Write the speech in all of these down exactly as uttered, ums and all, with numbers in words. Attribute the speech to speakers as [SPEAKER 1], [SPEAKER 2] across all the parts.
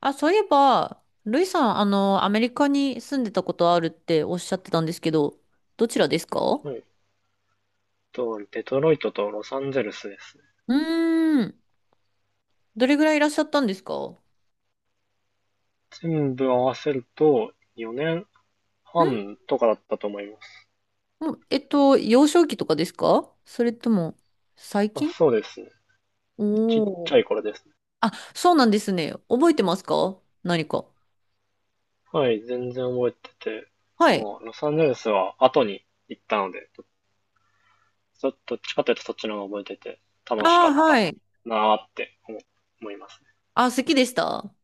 [SPEAKER 1] あ、そういえば、ルイさん、あの、アメリカに住んでたことあるっておっしゃってたんですけど、どちらですか？
[SPEAKER 2] えっと、デトロイトとロサンゼルスですね。
[SPEAKER 1] うーん。どれぐらいいらっしゃったんですかん？
[SPEAKER 2] 全部合わせるとよねんはんとかだったと思います。
[SPEAKER 1] もうえっと、幼少期とかですか？それとも、最
[SPEAKER 2] あ、
[SPEAKER 1] 近？
[SPEAKER 2] そうですね。ちっ
[SPEAKER 1] おー。
[SPEAKER 2] ちゃい頃ですね。
[SPEAKER 1] あ、そうなんですね。覚えてますか、何か？
[SPEAKER 2] はい、全然覚えてて、
[SPEAKER 1] はい。
[SPEAKER 2] もうロサンゼルスは後に行ったので、どっちかというとそっちの方が覚えてて楽し
[SPEAKER 1] あ
[SPEAKER 2] か
[SPEAKER 1] あ、
[SPEAKER 2] っ
[SPEAKER 1] は
[SPEAKER 2] た
[SPEAKER 1] い。
[SPEAKER 2] なーって思思いますね。
[SPEAKER 1] あ、好きでした？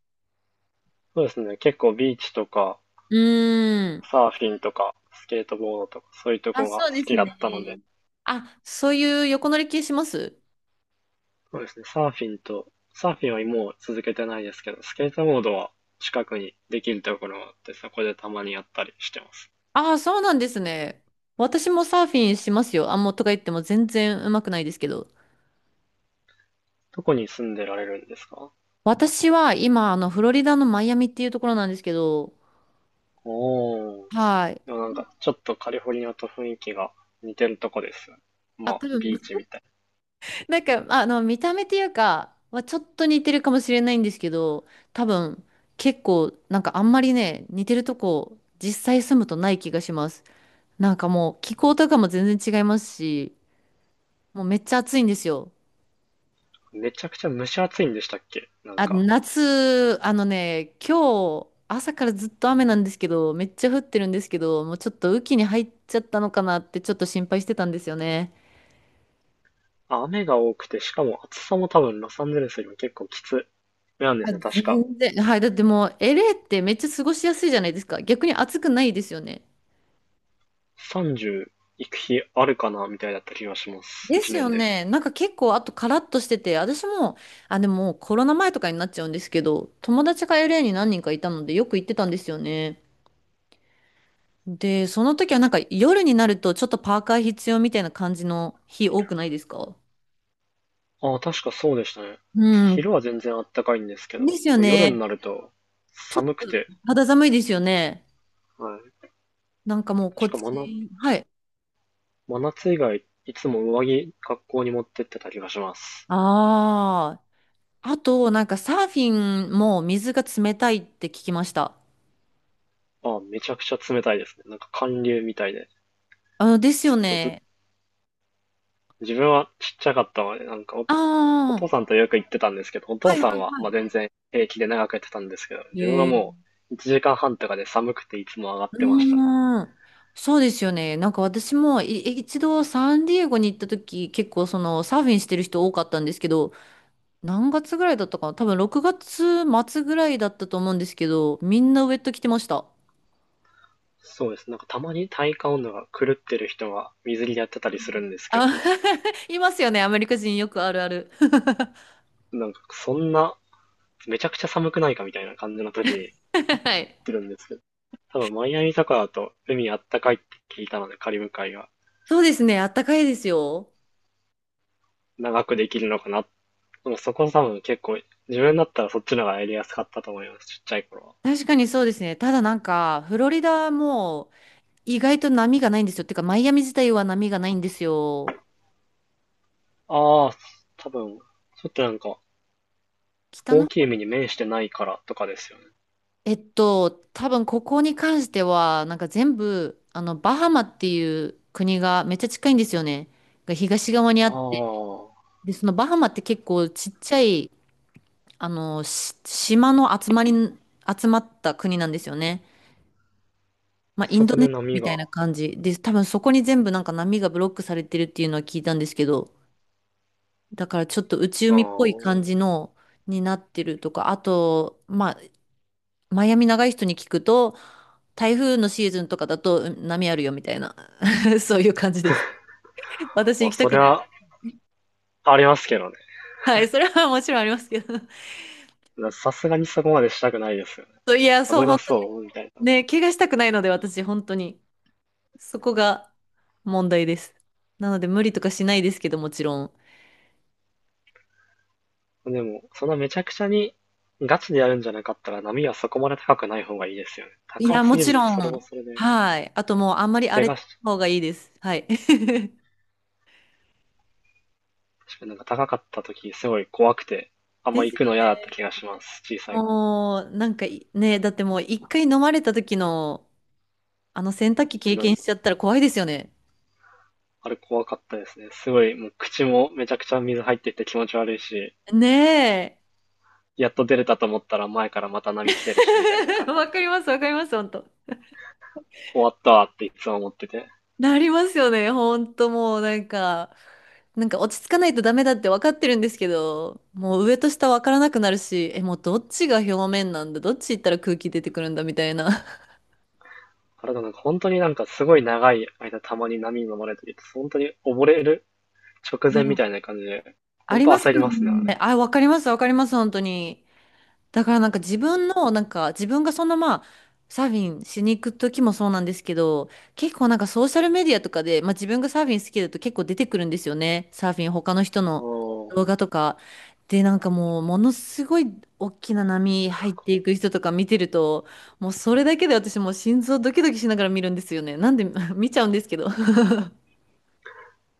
[SPEAKER 2] そうですね。結構ビーチとか
[SPEAKER 1] うーん。
[SPEAKER 2] サーフィンとかスケートボードとかそういうと
[SPEAKER 1] あ、
[SPEAKER 2] こが
[SPEAKER 1] そ
[SPEAKER 2] 好
[SPEAKER 1] うです
[SPEAKER 2] きだっ
[SPEAKER 1] ね。
[SPEAKER 2] たので、
[SPEAKER 1] あ、そういう横乗り系します？
[SPEAKER 2] そうですね。サーフィンと、サーフィンはもう続けてないですけど、スケートボードは近くにできるところがあって、そこでたまにやったりしてます。
[SPEAKER 1] ああ、そうなんですね。私もサーフィンしますよ。あ、もうとか言っても全然うまくないですけど。
[SPEAKER 2] どこに住んでられるんですか？
[SPEAKER 1] 私は今、あの、フロリダのマイアミっていうところなんですけど、
[SPEAKER 2] おー。
[SPEAKER 1] はい。
[SPEAKER 2] でもなんか、ちょっとカリフォルニアと雰囲気が似てるとこです。
[SPEAKER 1] あ、
[SPEAKER 2] まあ、
[SPEAKER 1] 多分、
[SPEAKER 2] ビーチみたい
[SPEAKER 1] なんか、あの、見た目っていうか、はちょっと似てるかもしれないんですけど、多分、結構、なんかあんまりね、似てるとこ、実際住むとない気がします。なんかもう、気候とかも全然違いますし、もうめっちゃ暑いんですよ。
[SPEAKER 2] な。めちゃくちゃ蒸し暑いんでしたっけ、なん
[SPEAKER 1] あ、
[SPEAKER 2] か。
[SPEAKER 1] 夏、あのね、今日、朝からずっと雨なんですけど、めっちゃ降ってるんですけど、もうちょっと雨季に入っちゃったのかなってちょっと心配してたんですよね。
[SPEAKER 2] あ、雨が多くて、しかも暑さも多分ロサンゼルスよりも結構きつめなんで
[SPEAKER 1] あ、
[SPEAKER 2] すね、確か。
[SPEAKER 1] 全然。はい。だってもう、エルエー ってめっちゃ過ごしやすいじゃないですか。逆に暑くないですよね。
[SPEAKER 2] さんじゅう行く日あるかなみたいだった気がします、
[SPEAKER 1] で
[SPEAKER 2] 1
[SPEAKER 1] すよ
[SPEAKER 2] 年で。
[SPEAKER 1] ね。なんか結構、あとカラッとしてて、私も、あ、でもコロナ前とかになっちゃうんですけど、友達が エルエー に何人かいたので、よく行ってたんですよね。で、その時はなんか夜になるとちょっとパーカー必要みたいな感じの日多くないですか？
[SPEAKER 2] ああ、確かそうでしたね。
[SPEAKER 1] うん。
[SPEAKER 2] 昼は全然あったかいんですけど、
[SPEAKER 1] ですよ
[SPEAKER 2] もう夜に
[SPEAKER 1] ね。
[SPEAKER 2] なると
[SPEAKER 1] ちょっと
[SPEAKER 2] 寒くて、
[SPEAKER 1] 肌寒いですよね。
[SPEAKER 2] はい。
[SPEAKER 1] なんかもうこっ
[SPEAKER 2] 確か真夏、
[SPEAKER 1] ち、はい。
[SPEAKER 2] 真夏以外、いつも上着、学校に持ってってた気がします。
[SPEAKER 1] ああ。あと、なんかサーフィンも水が冷たいって聞きました。
[SPEAKER 2] ああ、めちゃくちゃ冷たいですね。なんか寒流みたいで。
[SPEAKER 1] あ、です
[SPEAKER 2] ず
[SPEAKER 1] よ
[SPEAKER 2] っとず、
[SPEAKER 1] ね。
[SPEAKER 2] 自分はちっちゃかったので、なんかお、お
[SPEAKER 1] あ
[SPEAKER 2] 父
[SPEAKER 1] あ。
[SPEAKER 2] さんとよく行ってたんですけど、お
[SPEAKER 1] は
[SPEAKER 2] 父
[SPEAKER 1] いは
[SPEAKER 2] さん
[SPEAKER 1] い
[SPEAKER 2] は、
[SPEAKER 1] は
[SPEAKER 2] まあ、全然平気で長くやってたんですけど、
[SPEAKER 1] い。
[SPEAKER 2] 自分は
[SPEAKER 1] へ
[SPEAKER 2] もういちじかんはんとかで寒くていつも上がっ
[SPEAKER 1] う
[SPEAKER 2] てましたね。
[SPEAKER 1] ーん。そうですよね。なんか私もい一度サンディエゴに行った時、結構そのサーフィンしてる人多かったんですけど、何月ぐらいだったかな、多分ろくがつ末ぐらいだったと思うんですけど、みんなウェット着てました。
[SPEAKER 2] そうです。なんかたまに体感温度が狂ってる人が水着でやってたり
[SPEAKER 1] う
[SPEAKER 2] する
[SPEAKER 1] ん
[SPEAKER 2] んですけ
[SPEAKER 1] あ、
[SPEAKER 2] ど、
[SPEAKER 1] いますよね。アメリカ人よくあるある。
[SPEAKER 2] なんかそんな、めちゃくちゃ寒くないかみたいな感じの時に行
[SPEAKER 1] はい。
[SPEAKER 2] ってるんですけど、多分マイアミとかだと海あったかいって聞いたので、カリブ海が
[SPEAKER 1] そうですね。あったかいですよ。
[SPEAKER 2] 長くできるのかな。でもそこ多分結構、自分だったらそっちの方がやりやすかったと思います、ちっちゃい頃
[SPEAKER 1] 確かにそうですね。ただなんか、フロリダも意外と波がないんですよ。てか、マイアミ自体は波がないんですよ。
[SPEAKER 2] は。ああ、多分、ちょっとなんか、
[SPEAKER 1] 北の
[SPEAKER 2] 大
[SPEAKER 1] 方、
[SPEAKER 2] きい海に面してないからとかですよね。
[SPEAKER 1] えっと、多分ここに関しては、なんか全部、あの、バハマっていう国がめっちゃ近いんですよね。が東側にあ
[SPEAKER 2] あ
[SPEAKER 1] って。
[SPEAKER 2] あ、
[SPEAKER 1] で、そのバハマって結構ちっちゃい、あの、し島の集まり、集まった国なんですよね。まあ、イン
[SPEAKER 2] そ
[SPEAKER 1] ド
[SPEAKER 2] こ
[SPEAKER 1] ネ
[SPEAKER 2] で
[SPEAKER 1] シア
[SPEAKER 2] 波
[SPEAKER 1] みたい
[SPEAKER 2] が、
[SPEAKER 1] な感じで、多分そこに全部なんか波がブロックされてるっていうのは聞いたんですけど、だからちょっと内
[SPEAKER 2] あ
[SPEAKER 1] 海っぽい
[SPEAKER 2] あ、
[SPEAKER 1] 感じのになってるとか、あと、まあ、マイアミ長い人に聞くと、台風のシーズンとかだとうん波あるよみたいな、そういう感じです。私
[SPEAKER 2] まあ
[SPEAKER 1] 行きた
[SPEAKER 2] そ
[SPEAKER 1] く
[SPEAKER 2] れ
[SPEAKER 1] ないの
[SPEAKER 2] は
[SPEAKER 1] で。
[SPEAKER 2] ありますけど
[SPEAKER 1] はい、それはもちろんありますけど。
[SPEAKER 2] ね。さすがにそこまでしたくないですよね。
[SPEAKER 1] そういや、そう、
[SPEAKER 2] 危な
[SPEAKER 1] 本当に
[SPEAKER 2] そう、みたいな。
[SPEAKER 1] ね、怪我したくないので、私、本当に。そこが問題です。なので、無理とかしないですけど、もちろん。
[SPEAKER 2] でも、そのめちゃくちゃにガチでやるんじゃなかったら波はそこまで高くない方がいいですよね。
[SPEAKER 1] い
[SPEAKER 2] 高
[SPEAKER 1] や、
[SPEAKER 2] す
[SPEAKER 1] も
[SPEAKER 2] ぎ
[SPEAKER 1] ち
[SPEAKER 2] ると
[SPEAKER 1] ろ
[SPEAKER 2] それ
[SPEAKER 1] ん。
[SPEAKER 2] もそれで、
[SPEAKER 1] はい。あともう、あんまり荒
[SPEAKER 2] 怪
[SPEAKER 1] れた
[SPEAKER 2] 我し、
[SPEAKER 1] 方がいいです。はい。
[SPEAKER 2] かなんか高かった時すごい怖くて、あんま
[SPEAKER 1] で
[SPEAKER 2] 行
[SPEAKER 1] す
[SPEAKER 2] く
[SPEAKER 1] よ
[SPEAKER 2] の嫌だった
[SPEAKER 1] ね。
[SPEAKER 2] 気がします、小さい。
[SPEAKER 1] もう、なんかい、ね、だってもう、一回飲まれた時の、あの洗濯機経
[SPEAKER 2] なん
[SPEAKER 1] 験しちゃったら怖いですよね。
[SPEAKER 2] あれ怖かったですね。すごい、もう口もめちゃくちゃ水入ってて気持ち悪いし、
[SPEAKER 1] ねえ。
[SPEAKER 2] やっと出れたと思ったら前からまた波来てるしみたいな 感じ
[SPEAKER 1] わ
[SPEAKER 2] で、
[SPEAKER 1] かります、わかります、本当。
[SPEAKER 2] 終わったわっていつも思ってて。
[SPEAKER 1] なりますよね、本当もう、なんか、なんか落ち着かないとダメだって分かってるんですけど、もう上と下分からなくなるし、え、もうどっちが表面なんだ、どっち行ったら空気出てくるんだみたいな。
[SPEAKER 2] あれだなんか本当になんかすごい長い間たまに波に飲まれてると、本当に溺れる直前みた いな感じで、ほ
[SPEAKER 1] あ
[SPEAKER 2] ん
[SPEAKER 1] り
[SPEAKER 2] と
[SPEAKER 1] ます
[SPEAKER 2] 焦り
[SPEAKER 1] よ
[SPEAKER 2] ますね、あ
[SPEAKER 1] ね。
[SPEAKER 2] れ。
[SPEAKER 1] あ、わかります、わかります、本当に。だからなんか自分の、なんか自分がそのまあ、サーフィンしに行く時もそうなんですけど、結構なんかソーシャルメディアとかで、まあ自分がサーフィン好きだと結構出てくるんですよね。サーフィン、他の人
[SPEAKER 2] お
[SPEAKER 1] の動
[SPEAKER 2] ー。
[SPEAKER 1] 画とか。で、なんかもう、ものすごい大きな波入っていく人とか見てると、もうそれだけで私もう心臓ドキドキしながら見るんですよね。なんで 見ちゃうんですけど。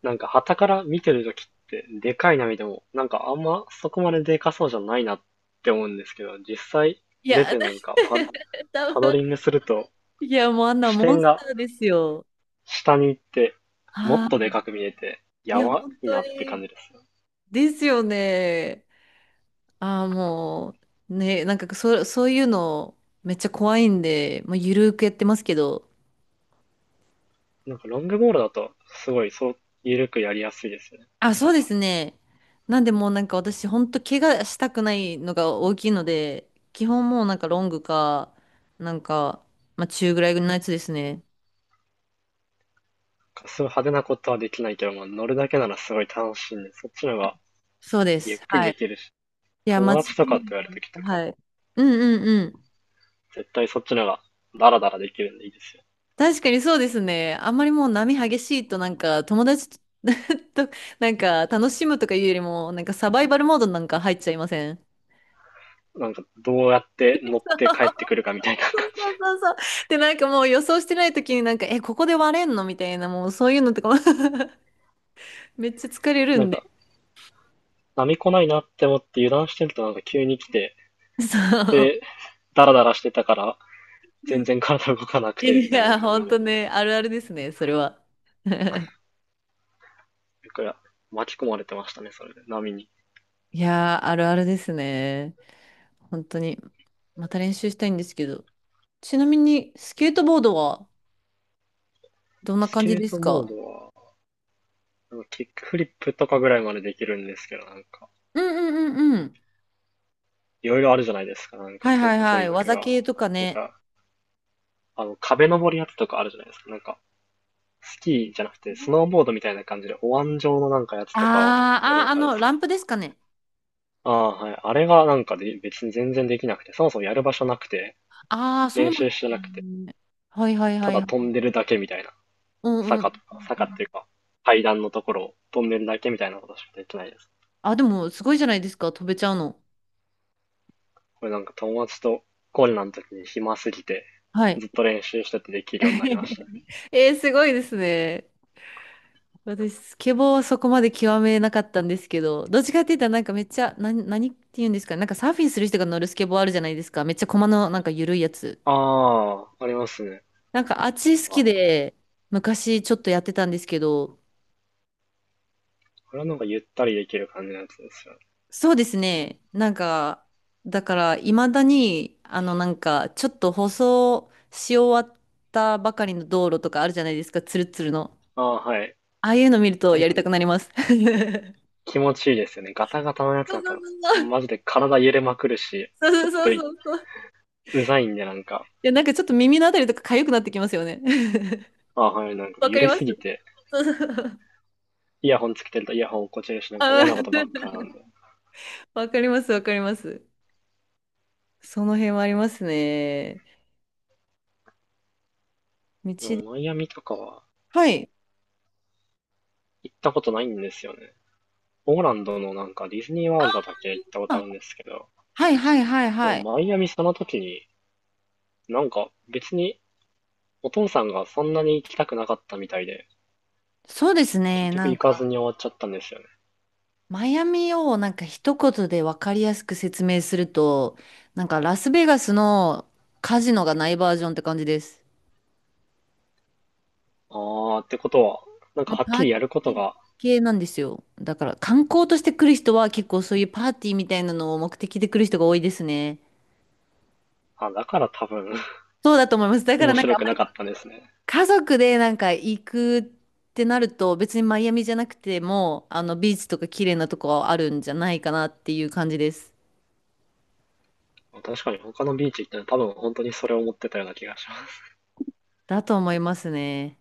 [SPEAKER 2] なんか、傍から見てるときって、でかい波でも、なんかあんまそこまででかそうじゃないなって思うんですけど、実際
[SPEAKER 1] い
[SPEAKER 2] 出
[SPEAKER 1] や、
[SPEAKER 2] てなんかパ、
[SPEAKER 1] 多
[SPEAKER 2] パド
[SPEAKER 1] 分、
[SPEAKER 2] リングすると、
[SPEAKER 1] いやもうあんな
[SPEAKER 2] 視
[SPEAKER 1] モン
[SPEAKER 2] 点
[SPEAKER 1] ス
[SPEAKER 2] が
[SPEAKER 1] ターですよ。
[SPEAKER 2] 下に行って、もっ
[SPEAKER 1] は
[SPEAKER 2] とで
[SPEAKER 1] い、
[SPEAKER 2] かく見えて、
[SPEAKER 1] い
[SPEAKER 2] や
[SPEAKER 1] や、
[SPEAKER 2] ば
[SPEAKER 1] 本
[SPEAKER 2] い
[SPEAKER 1] 当
[SPEAKER 2] なって感
[SPEAKER 1] に
[SPEAKER 2] じですよ。
[SPEAKER 1] ですよね。ああ、もう、ね、なんかそ、そういうのめっちゃ怖いんで、まあ、ゆるーくやってますけど。
[SPEAKER 2] なんかロングボールだと、すごいそう、緩くやりやすいですよね、
[SPEAKER 1] あ、
[SPEAKER 2] サ
[SPEAKER 1] そ
[SPEAKER 2] ー
[SPEAKER 1] う
[SPEAKER 2] フ
[SPEAKER 1] ですね。なんでもうなんか私、本当怪我したくないのが大きいので、基本もうなんかロングか、なんか、まあ中ぐらいのやつですね。
[SPEAKER 2] ィン。すごい派手なことはできないけど、まあ乗るだけならすごい楽しいんで、そっちの方が
[SPEAKER 1] そうで
[SPEAKER 2] ゆっ
[SPEAKER 1] す。
[SPEAKER 2] くり
[SPEAKER 1] は
[SPEAKER 2] で
[SPEAKER 1] い。
[SPEAKER 2] きるし、
[SPEAKER 1] いや、間
[SPEAKER 2] 友
[SPEAKER 1] 違
[SPEAKER 2] 達と
[SPEAKER 1] い
[SPEAKER 2] か
[SPEAKER 1] ない
[SPEAKER 2] とやる
[SPEAKER 1] で
[SPEAKER 2] とき
[SPEAKER 1] す。
[SPEAKER 2] とか、
[SPEAKER 1] はい。うんうんうん。
[SPEAKER 2] 絶対そっちの方がダラダラできるんでいいですよ。
[SPEAKER 1] 確かにそうですね。あんまりもう波激しいとなんか友達と となんか楽しむとかいうよりもなんかサバイバルモードなんか入っちゃいません？
[SPEAKER 2] なんか、どうやって乗って帰ってくるかみたいな感
[SPEAKER 1] そうそう
[SPEAKER 2] じ。
[SPEAKER 1] そうそう。で、なんかもう予想してない時になんか、え、ここで割れんのみたいな、もうそういうのとかも めっちゃ疲れ る
[SPEAKER 2] なん
[SPEAKER 1] んで。
[SPEAKER 2] か、波来ないなって思って油断してるとなんか急に来て、
[SPEAKER 1] そう。
[SPEAKER 2] で、ダラダラしてたから、全然体動かなくて、
[SPEAKER 1] い
[SPEAKER 2] みたいな
[SPEAKER 1] や、
[SPEAKER 2] 感
[SPEAKER 1] ほ
[SPEAKER 2] じ
[SPEAKER 1] ん
[SPEAKER 2] の、
[SPEAKER 1] と
[SPEAKER 2] だ
[SPEAKER 1] ね、あるあるですね、それは。
[SPEAKER 2] から、巻き込まれてましたね、それで、波に。
[SPEAKER 1] いやー、あるあるですね。本当に。また練習したいんですけど。ちなみに、スケートボードはどんな
[SPEAKER 2] ス
[SPEAKER 1] 感じ
[SPEAKER 2] ケー
[SPEAKER 1] です
[SPEAKER 2] トボー
[SPEAKER 1] か？
[SPEAKER 2] ドは、なんかキックフリップとかぐらいまでできるんですけど、なんか、
[SPEAKER 1] うんうんうんうん。
[SPEAKER 2] いろいろあるじゃないですか、なんか
[SPEAKER 1] はい
[SPEAKER 2] ト
[SPEAKER 1] はい
[SPEAKER 2] ト
[SPEAKER 1] はい。
[SPEAKER 2] リック
[SPEAKER 1] 技
[SPEAKER 2] が。
[SPEAKER 1] 系とか
[SPEAKER 2] なん
[SPEAKER 1] ね。
[SPEAKER 2] か、あの、壁登りやつとかあるじゃないですか、なんか、スキーじゃなくて、スノーボードみたいな感じで、お椀状のなんかやつ
[SPEAKER 1] あー
[SPEAKER 2] とかをやる
[SPEAKER 1] あ
[SPEAKER 2] や
[SPEAKER 1] ー、あ
[SPEAKER 2] つあるんで
[SPEAKER 1] の、
[SPEAKER 2] す。
[SPEAKER 1] ランプですかね。
[SPEAKER 2] ああ、はい。あれがなんかで、別に全然できなくて、そもそもやる場所なくて、
[SPEAKER 1] ああ、そうな
[SPEAKER 2] 練
[SPEAKER 1] んで
[SPEAKER 2] 習して
[SPEAKER 1] す
[SPEAKER 2] なくて、
[SPEAKER 1] ね。はいはい
[SPEAKER 2] た
[SPEAKER 1] は
[SPEAKER 2] だ飛
[SPEAKER 1] い。
[SPEAKER 2] んでるだけみたいな。
[SPEAKER 1] うんう
[SPEAKER 2] 坂と
[SPEAKER 1] ん。
[SPEAKER 2] か、坂っていうか、階段のところを飛んでるだけみたいなことしかできないです。
[SPEAKER 1] あ、でも、すごいじゃないですか。飛べちゃうの。
[SPEAKER 2] これなんか友達とコロナの時に暇すぎて、
[SPEAKER 1] はい。
[SPEAKER 2] ずっと練習しててできるようになりましたね。
[SPEAKER 1] えー、すごいですね。私、スケボーはそこまで極めなかったんですけど、どっちかって言ったらなんかめっちゃ、な、何って言うんですかね。なんかサーフィンする人が乗るスケボーあるじゃないですか。めっちゃ駒のなんか緩いやつ。
[SPEAKER 2] ああ、ありますね。
[SPEAKER 1] なんかあっち好
[SPEAKER 2] あ、
[SPEAKER 1] き
[SPEAKER 2] こ
[SPEAKER 1] で、昔ちょっとやってたんですけど、
[SPEAKER 2] れはなんかゆったりできる感じのやつですよね。
[SPEAKER 1] そうですね。なんか、だから、いまだに、あの、なんか、ちょっと舗装し終わったばかりの道路とかあるじゃないですか、ツルツルの。
[SPEAKER 2] ああ、はい。
[SPEAKER 1] ああいうの見ると
[SPEAKER 2] あ
[SPEAKER 1] やり
[SPEAKER 2] れ、
[SPEAKER 1] たくなります。
[SPEAKER 2] 気持ちいいですよね。ガタガタのやつ
[SPEAKER 1] そう
[SPEAKER 2] だ
[SPEAKER 1] そう
[SPEAKER 2] と、
[SPEAKER 1] そうそう。
[SPEAKER 2] マジで体揺れまくるし、
[SPEAKER 1] そ
[SPEAKER 2] ちょ
[SPEAKER 1] う
[SPEAKER 2] っ
[SPEAKER 1] そ
[SPEAKER 2] と
[SPEAKER 1] うそうそう。い
[SPEAKER 2] うざいんでなんか、
[SPEAKER 1] や、なんかちょっと耳のあたりとか痒くなってきますよね。
[SPEAKER 2] あはい、なんか
[SPEAKER 1] わか
[SPEAKER 2] 揺
[SPEAKER 1] り
[SPEAKER 2] れ
[SPEAKER 1] ま
[SPEAKER 2] す
[SPEAKER 1] す、
[SPEAKER 2] ぎて、
[SPEAKER 1] そうそうそう。
[SPEAKER 2] イヤホンつけてるとイヤホン落っこちるし、なんか
[SPEAKER 1] あ、
[SPEAKER 2] 嫌なことばっかな んで。
[SPEAKER 1] わかります、わかります。その辺はありますね。道
[SPEAKER 2] で
[SPEAKER 1] で。
[SPEAKER 2] もマイアミとかは
[SPEAKER 1] はい。
[SPEAKER 2] 行ったことないんですよね。オーランドのなんかディズニーワールドだけ行ったことあ
[SPEAKER 1] あ、
[SPEAKER 2] るんですけど、
[SPEAKER 1] はいはいはい
[SPEAKER 2] でも
[SPEAKER 1] はい。
[SPEAKER 2] マイアミその時に、なんか別にお父さんがそんなに行きたくなかったみたいで、
[SPEAKER 1] そうです
[SPEAKER 2] 結
[SPEAKER 1] ね。
[SPEAKER 2] 局
[SPEAKER 1] なん
[SPEAKER 2] 行かず
[SPEAKER 1] か
[SPEAKER 2] に終わっちゃったんですよね。
[SPEAKER 1] マイアミをなんか一言で分かりやすく説明すると、なんかラスベガスのカジノがないバージョンって感じです。
[SPEAKER 2] あーってことは、なんか
[SPEAKER 1] もう
[SPEAKER 2] はっ
[SPEAKER 1] パ
[SPEAKER 2] き
[SPEAKER 1] ー
[SPEAKER 2] り
[SPEAKER 1] テ
[SPEAKER 2] やること
[SPEAKER 1] ィー
[SPEAKER 2] が、
[SPEAKER 1] 系なんですよ。だから観光として来る人は結構そういうパーティーみたいなのを目的で来る人が多いですね。
[SPEAKER 2] あ、だから多分
[SPEAKER 1] そうだと思います。だから
[SPEAKER 2] 面
[SPEAKER 1] なんか
[SPEAKER 2] 白
[SPEAKER 1] あん
[SPEAKER 2] く
[SPEAKER 1] ま
[SPEAKER 2] な
[SPEAKER 1] り
[SPEAKER 2] かったですね。
[SPEAKER 1] 家族でなんか行くってなると別にマイアミじゃなくてもあのビーチとか綺麗なとこあるんじゃないかなっていう感じです。
[SPEAKER 2] 確かに他のビーチ行っても多分本当にそれを思ってたような気がします。
[SPEAKER 1] だと思いますね。